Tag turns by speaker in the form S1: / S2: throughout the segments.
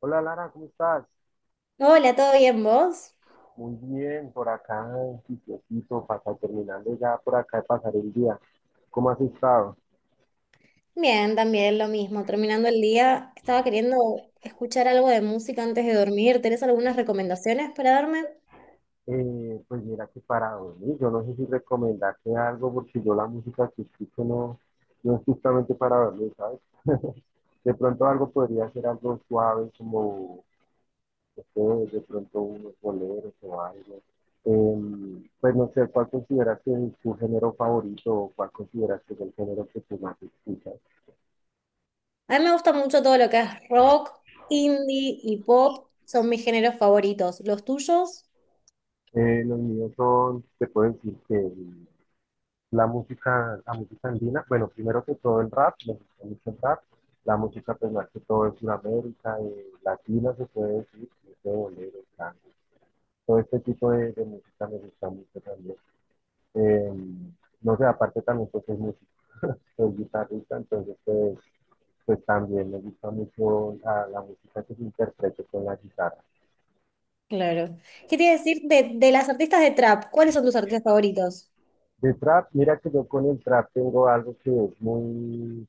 S1: Hola Lara, ¿cómo estás?
S2: Hola, ¿todo bien vos?
S1: Muy bien, por acá en sitiocito, para terminando ya por acá de pasar el día. ¿Cómo has estado?
S2: Bien, también lo mismo. Terminando el día, estaba queriendo escuchar algo de música antes de dormir. ¿Tenés algunas recomendaciones para darme?
S1: Pues mira que para dormir, yo no sé si recomendarte algo porque yo la música que escucho no es justamente para dormir, ¿sabes? De pronto algo podría ser algo suave como, no sé, de pronto unos boleros o algo. Pues no sé, ¿cuál consideras que es tu género favorito o cuál consideras que es el género que tú más escuchas?
S2: A mí me gusta mucho todo lo que es rock, indie y pop. Son mis géneros favoritos. ¿Los tuyos?
S1: Los míos son, te puedo decir que la música, andina. Bueno, primero que todo el rap, me gusta mucho el rap, la música pues más que todo es Sudamérica, latina se puede decir, de bolero, tango, todo este tipo de música me gusta mucho también. Eh, no sé, aparte también pues soy músico, soy guitarrista, entonces pues también me gusta mucho la música que se interprete con la guitarra.
S2: Claro. ¿Qué te iba a decir de las artistas de trap? ¿Cuáles son tus artistas favoritos?
S1: De trap, mira que yo con el trap tengo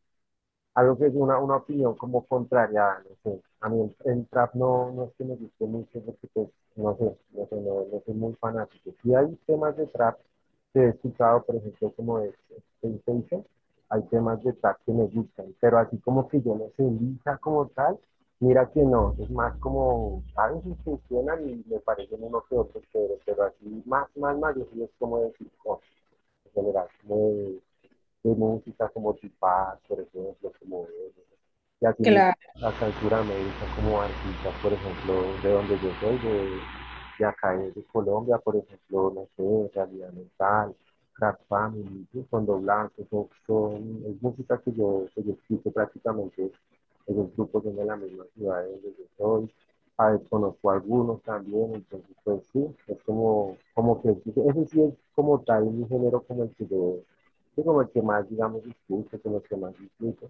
S1: algo que es una opinión como contraria, no sé. A mí el trap no, no es que me guste mucho porque pues, no sé, no, no soy muy fanático. Sí hay temas de trap que he escuchado, por ejemplo, como es Sensation. Hay temas de trap que me gustan, pero así como que yo no sé, lisa como tal, mira que no, es más como, a veces funcionan y me parecen uno que otro, pero así más, más, más, yo sí es como decir, no, en general, muy de música como Tupac, por ejemplo, como él, y así
S2: Claro.
S1: la cultura médica como artistas, por ejemplo, de donde yo soy, de acá de Colombia, por ejemplo, no sé, Realidad Mental, Crack Family, ¿sí? Fondo Blanco, es música que yo escucho prácticamente en los grupos que de la misma ciudad de donde yo soy, a ver. Conozco a algunos también, entonces pues sí, es como, como que, ese sí es como tal mi género, como el que yo como el que más, digamos, discute, como el que más discute.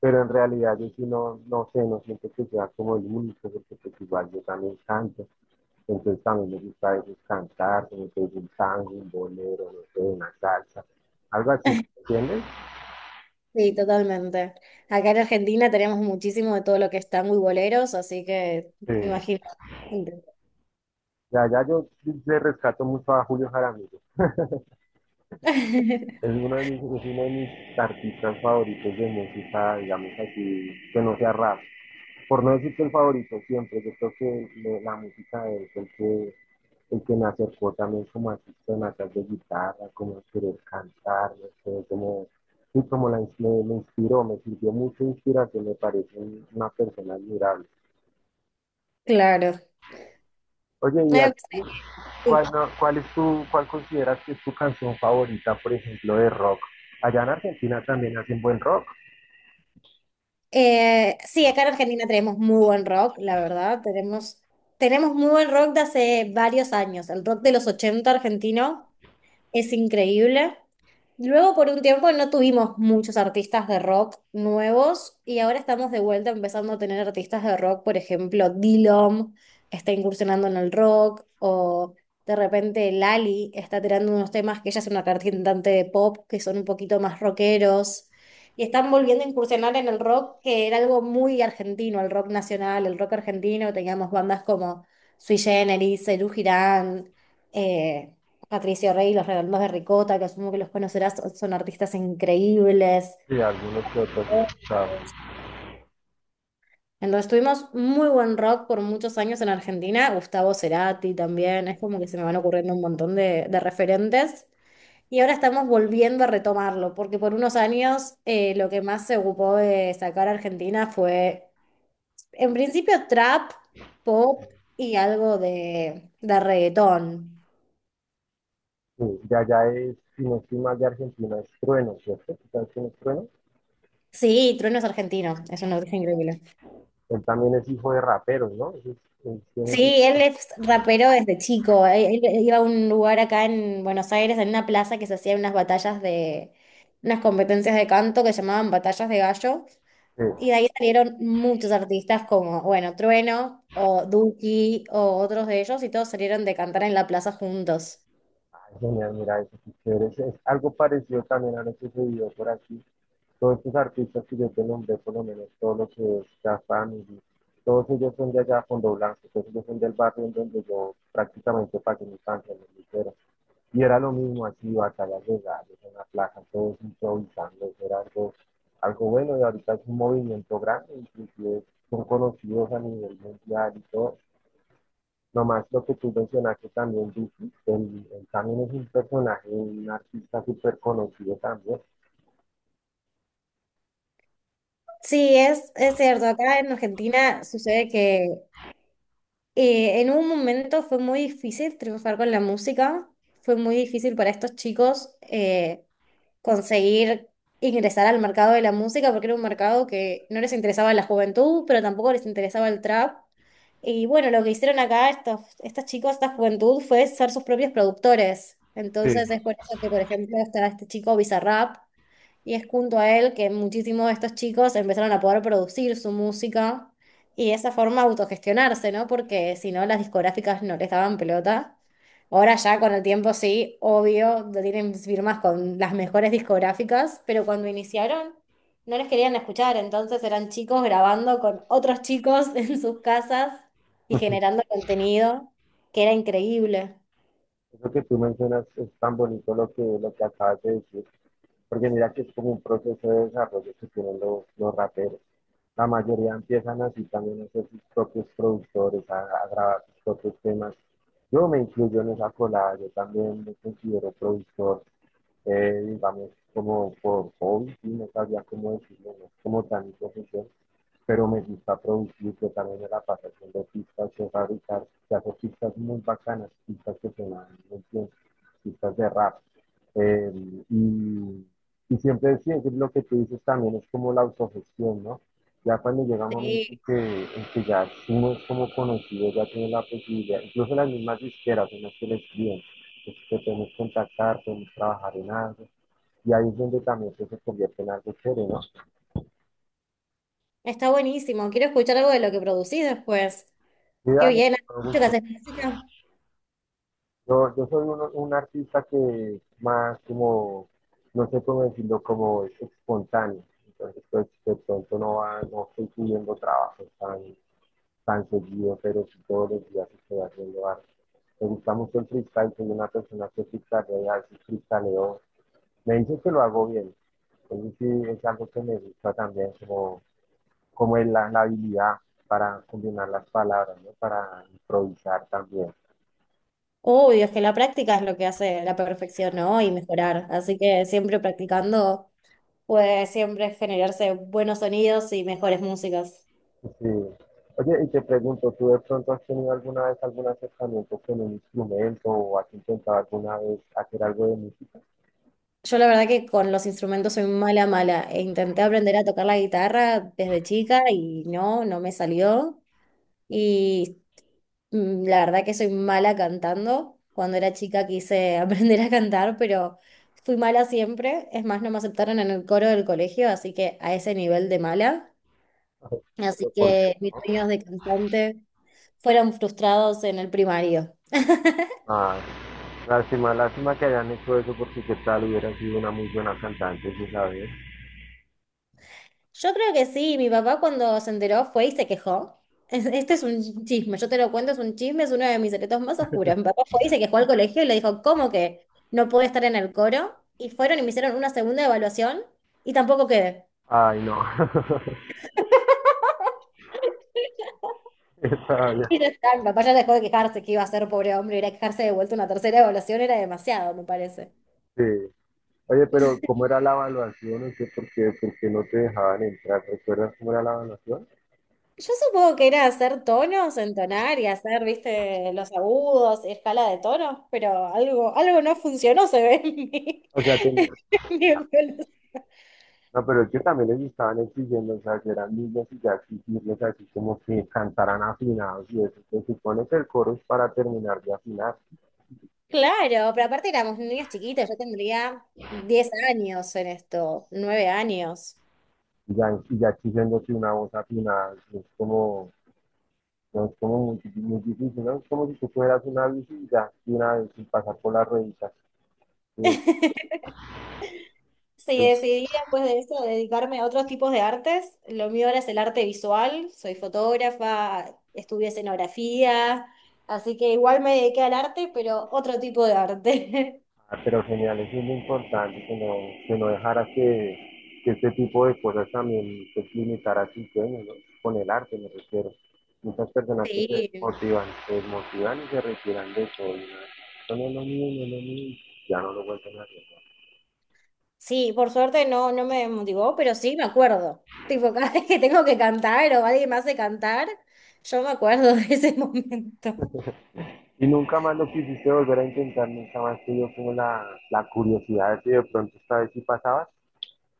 S1: Pero en realidad yo sí no, no siento que sea como el único, porque pues igual yo también canto. Entonces también me gusta a veces cantar, como que es un tango, un bolero, no sé, una salsa, algo así, ¿entiendes?
S2: Sí, totalmente. Acá en Argentina tenemos muchísimo de todo lo que es tango y boleros, así que
S1: Sí.
S2: imagino.
S1: De allá yo le rescato mucho a Julio Jaramillo. Es uno de mis artistas favoritos de música, digamos así, que no sea rap. Por no decir que el favorito siempre, yo creo que la música es el que me acercó también como a sistemas de guitarra, como querer cantar, no sé, como, y como me inspiró, me sirvió mucha inspiración, me parece una persona admirable.
S2: Claro.
S1: Oye, ¿y a ti
S2: Eh,
S1: cuál, no- cuál es tu, cuál consideras que es tu canción favorita, por ejemplo, de rock? Allá en Argentina también hacen buen rock,
S2: Sí, acá en Argentina tenemos muy buen rock, la verdad. Tenemos muy buen rock de hace varios años. El rock de los 80 argentino es increíble. Luego, por un tiempo, no tuvimos muchos artistas de rock nuevos y ahora estamos de vuelta empezando a tener artistas de rock. Por ejemplo, Dillom está incursionando en el rock o de repente Lali está tirando unos temas que ella es una cantante de pop que son un poquito más rockeros y están volviendo a incursionar en el rock que era algo muy argentino, el rock nacional, el rock argentino. Teníamos bandas como Sui Generis, Serú Girán. eh, Patricio Rey, y los Redondos de Ricota, que asumo que los conocerás, son son artistas increíbles.
S1: y algunos que otros he escuchado.
S2: Entonces tuvimos muy buen rock por muchos años en Argentina, Gustavo Cerati también, es como que se me van ocurriendo un montón de referentes. Y ahora estamos volviendo a retomarlo, porque por unos años lo que más se ocupó de sacar a Argentina fue, en principio, trap, pop y algo de reggaetón.
S1: Sí, de allá es, si no estoy mal, de Argentina es Trueno, ¿cierto? ¿Tú ¿Sabes quién es Trueno?
S2: Sí, Trueno es argentino, es un origen increíble.
S1: Él también es hijo de raperos, ¿no? Es- tiene su-
S2: Sí, él es rapero desde chico. Él iba a un lugar acá en Buenos Aires, en una plaza que se hacían unas batallas de, unas competencias de canto que se llamaban batallas de gallo. Y de
S1: eh,
S2: ahí salieron muchos artistas como, bueno, Trueno o Duki o otros de ellos y todos salieron de cantar en la plaza juntos.
S1: Ay, genial, mira, eso sí, chévere. Es algo parecido también a lo que sucedió por aquí. Todos estos artistas que yo te nombré, por lo menos todos los que es Da Family, todos ellos son de allá, Fondo Blanco, todos ellos son del barrio en donde yo prácticamente pagué mi infancia, en el liceo. Y era lo mismo, así, batallas legales, una plaza, todos improvisando, eso era algo bueno. Y ahorita es un movimiento grande, inclusive son conocidos a nivel mundial y todo. Nomás lo que tú mencionaste también, Vicky, él también es un personaje, un artista súper conocido también.
S2: Sí, es cierto. Acá en Argentina sucede que en un momento fue muy difícil triunfar con la música, fue muy difícil para estos chicos conseguir ingresar al mercado de la música porque era un mercado que no les interesaba la juventud, pero tampoco les interesaba el trap. Y bueno, lo que hicieron acá estos chicos, esta juventud, fue ser sus propios productores.
S1: Sí.
S2: Entonces es por eso que, por ejemplo, está este chico Bizarrap, y es junto a él que muchísimos de estos chicos empezaron a poder producir su música y de esa forma autogestionarse, ¿no? Porque si no, las discográficas no les daban pelota. Ahora ya con el tiempo sí, obvio, tienen firmas con las mejores discográficas, pero cuando iniciaron no les querían escuchar, entonces eran chicos grabando con otros chicos en sus casas y generando contenido que era increíble.
S1: Eso que tú mencionas es tan bonito, lo que acabas de decir, porque mira que es como un proceso de desarrollo que tienen los raperos. La mayoría empiezan así también a ser sus propios productores, a grabar sus propios temas. Yo me incluyo en esa colada, yo también me considero productor, digamos, como por hobby, sí, no sabía cómo decirlo, no es como tan mi profesión, pero me gusta producir, yo también me la paso haciendo pistas, yo fabricar, yo hago pistas muy bacanas, pistas que se dan muy bien, pistas de rap. Eh, y, y siempre sí, es lo que tú dices, también es como la autogestión, ¿no? Ya cuando llega un momento en
S2: Sí,
S1: que, ya uno es como conocido, ya tiene la posibilidad, incluso las mismas disqueras, unas que le escriben, que podemos contactar, podemos trabajar en algo. Y ahí es donde también pues, se convierte en algo chévere, ¿no?
S2: está buenísimo. Quiero escuchar algo de lo que producís después.
S1: Y
S2: Qué
S1: dale,
S2: bien, has
S1: con
S2: dicho que
S1: gusto.
S2: haces práctica.
S1: Yo soy un artista que más como, no sé cómo decirlo, como es espontáneo. Entonces, pues, de pronto no, va, no estoy pidiendo trabajo tan seguido, pero si todos los días estoy haciendo arte. Me gusta mucho el freestyle, soy una persona que freestylea, sí freestyleo. Me dicen que lo hago bien. Entonces sí, es algo que me gusta también, como es la habilidad para combinar las palabras, ¿no? Para improvisar también.
S2: Uy, es que la práctica es lo que hace la perfección, ¿no? Y mejorar. Así que siempre practicando puede siempre generarse buenos sonidos y mejores músicas.
S1: Sí. Oye, y te pregunto, ¿tú de pronto has tenido alguna vez algún acercamiento con un instrumento o has intentado alguna vez hacer algo de música?
S2: Yo la verdad que con los instrumentos soy mala, mala. E intenté aprender a tocar la guitarra desde chica y no, no me salió. Y la verdad que soy mala cantando. Cuando era chica quise aprender a cantar, pero... Fui mala siempre, es más, no me aceptaron en el coro del colegio, así que a ese nivel de mala. Así
S1: Pero ¿por qué
S2: que mis
S1: no?
S2: sueños de cantante fueron frustrados en el primario.
S1: Ah, lástima, lástima que hayan hecho eso, porque qué tal hubiera sido una muy buena cantante, si sabes.
S2: Yo creo que sí, mi papá cuando se enteró fue y se quejó. Este es un chisme, yo te lo cuento, es un chisme, es uno de mis secretos más oscuros. Mi papá fue y se quejó al colegio y le dijo, ¿cómo que no puedo estar en el coro? Y fueron y me hicieron una segunda evaluación y tampoco quedé.
S1: Ay, no. Está bien.
S2: Y ya está, mi papá ya dejó de quejarse que iba a ser pobre hombre, ir a quejarse de vuelta una tercera evaluación era demasiado, me parece.
S1: Sí. Oye, pero ¿cómo era la evaluación? No sé por qué no te dejaban entrar. ¿Recuerdas cómo era la evaluación?
S2: Yo supongo que era hacer tonos, entonar y hacer, viste, los agudos y escala de tonos, pero algo, algo no funcionó, se ve en mi,
S1: O sea, que
S2: en mi evolución.
S1: no, pero es que también les estaban exigiendo, o sea, que eran niños y ya exigirles así como que cantaran afinados y eso. Se supone que el coro es para terminar de afinar,
S2: Claro, pero aparte éramos niños chiquitos, yo tendría 10 años en esto, 9 años.
S1: y ya exigiéndose una voz afinada. Es como, no es como muy, muy difícil, ¿no? Es como si tú fueras una bici y ya, de una vez sin pasar por las rueditas. Sí,
S2: Sí,
S1: ahí.
S2: decidí después de eso dedicarme a otros tipos de artes. Lo mío ahora es el arte visual, soy fotógrafa, estudié escenografía, así que igual me dediqué al arte, pero otro tipo de arte.
S1: Ah, pero genial, eso es lo importante. Que no dejara que, este tipo de cosas también se limitara a sus sueños, ¿no? Con el arte me refiero. Muchas personas que se
S2: Sí.
S1: motivan, se desmotivan y se retiran de todo. Y no, no es lo mío, no es lo mío, ya no lo vuelven a hacer, ¿no?
S2: Sí, por suerte no, no me motivó, pero sí me acuerdo. Tipo, cada vez que tengo que cantar o alguien me hace cantar, yo me acuerdo de ese momento.
S1: Y nunca más lo quisiste volver a intentar, nunca más te dio como la curiosidad de si de pronto esta vez sí pasabas.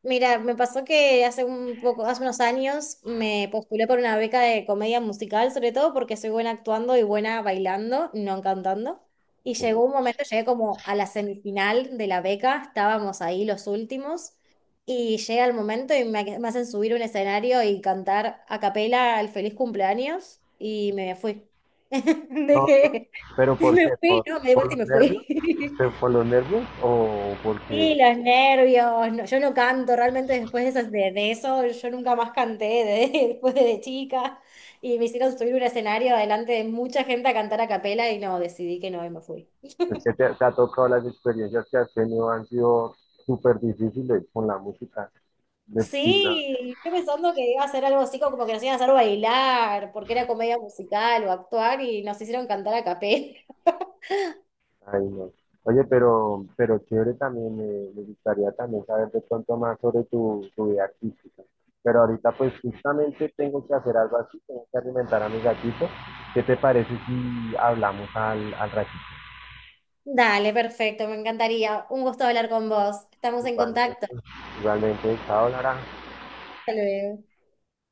S2: Mira, me pasó que hace un poco, hace unos años me postulé por una beca de comedia musical, sobre todo porque soy buena actuando y buena bailando, no cantando. Y
S1: Como,
S2: llegó un momento, llegué como a la semifinal de la beca, estábamos ahí los últimos, y llega el momento me hacen subir un escenario y cantar a capela el feliz cumpleaños, y me fui.
S1: no, no,
S2: Dejé,
S1: pero ¿por
S2: me
S1: qué?
S2: fui,
S1: ¿Por,
S2: no, me di
S1: por
S2: vuelta y
S1: los
S2: me
S1: nervios?
S2: fui.
S1: ¿Por los nervios o
S2: Sí,
S1: porque...?
S2: los nervios. No, yo no canto, realmente después de, esas- de eso, yo nunca más después de chica. Y me hicieron subir un escenario delante de mucha gente a cantar a capela y no, decidí que no y me fui.
S1: Es que te ha tocado. Las experiencias que has tenido han sido súper difíciles con la música. De-
S2: Sí, yo pensando que iba a hacer algo así como que nos iban a hacer bailar, porque era comedia musical o actuar y nos hicieron cantar a capela.
S1: Ay, no. Oye, pero, chévere también, me gustaría también saber de pronto más sobre tu vida artística. Pero ahorita pues justamente tengo que hacer algo así, tengo que alimentar a mi gatito. ¿Qué te parece si hablamos al ratito?
S2: Dale, perfecto, me encantaría. Un gusto hablar con vos. Estamos en contacto.
S1: Igualmente, igualmente, chao, Lara.
S2: Hasta luego.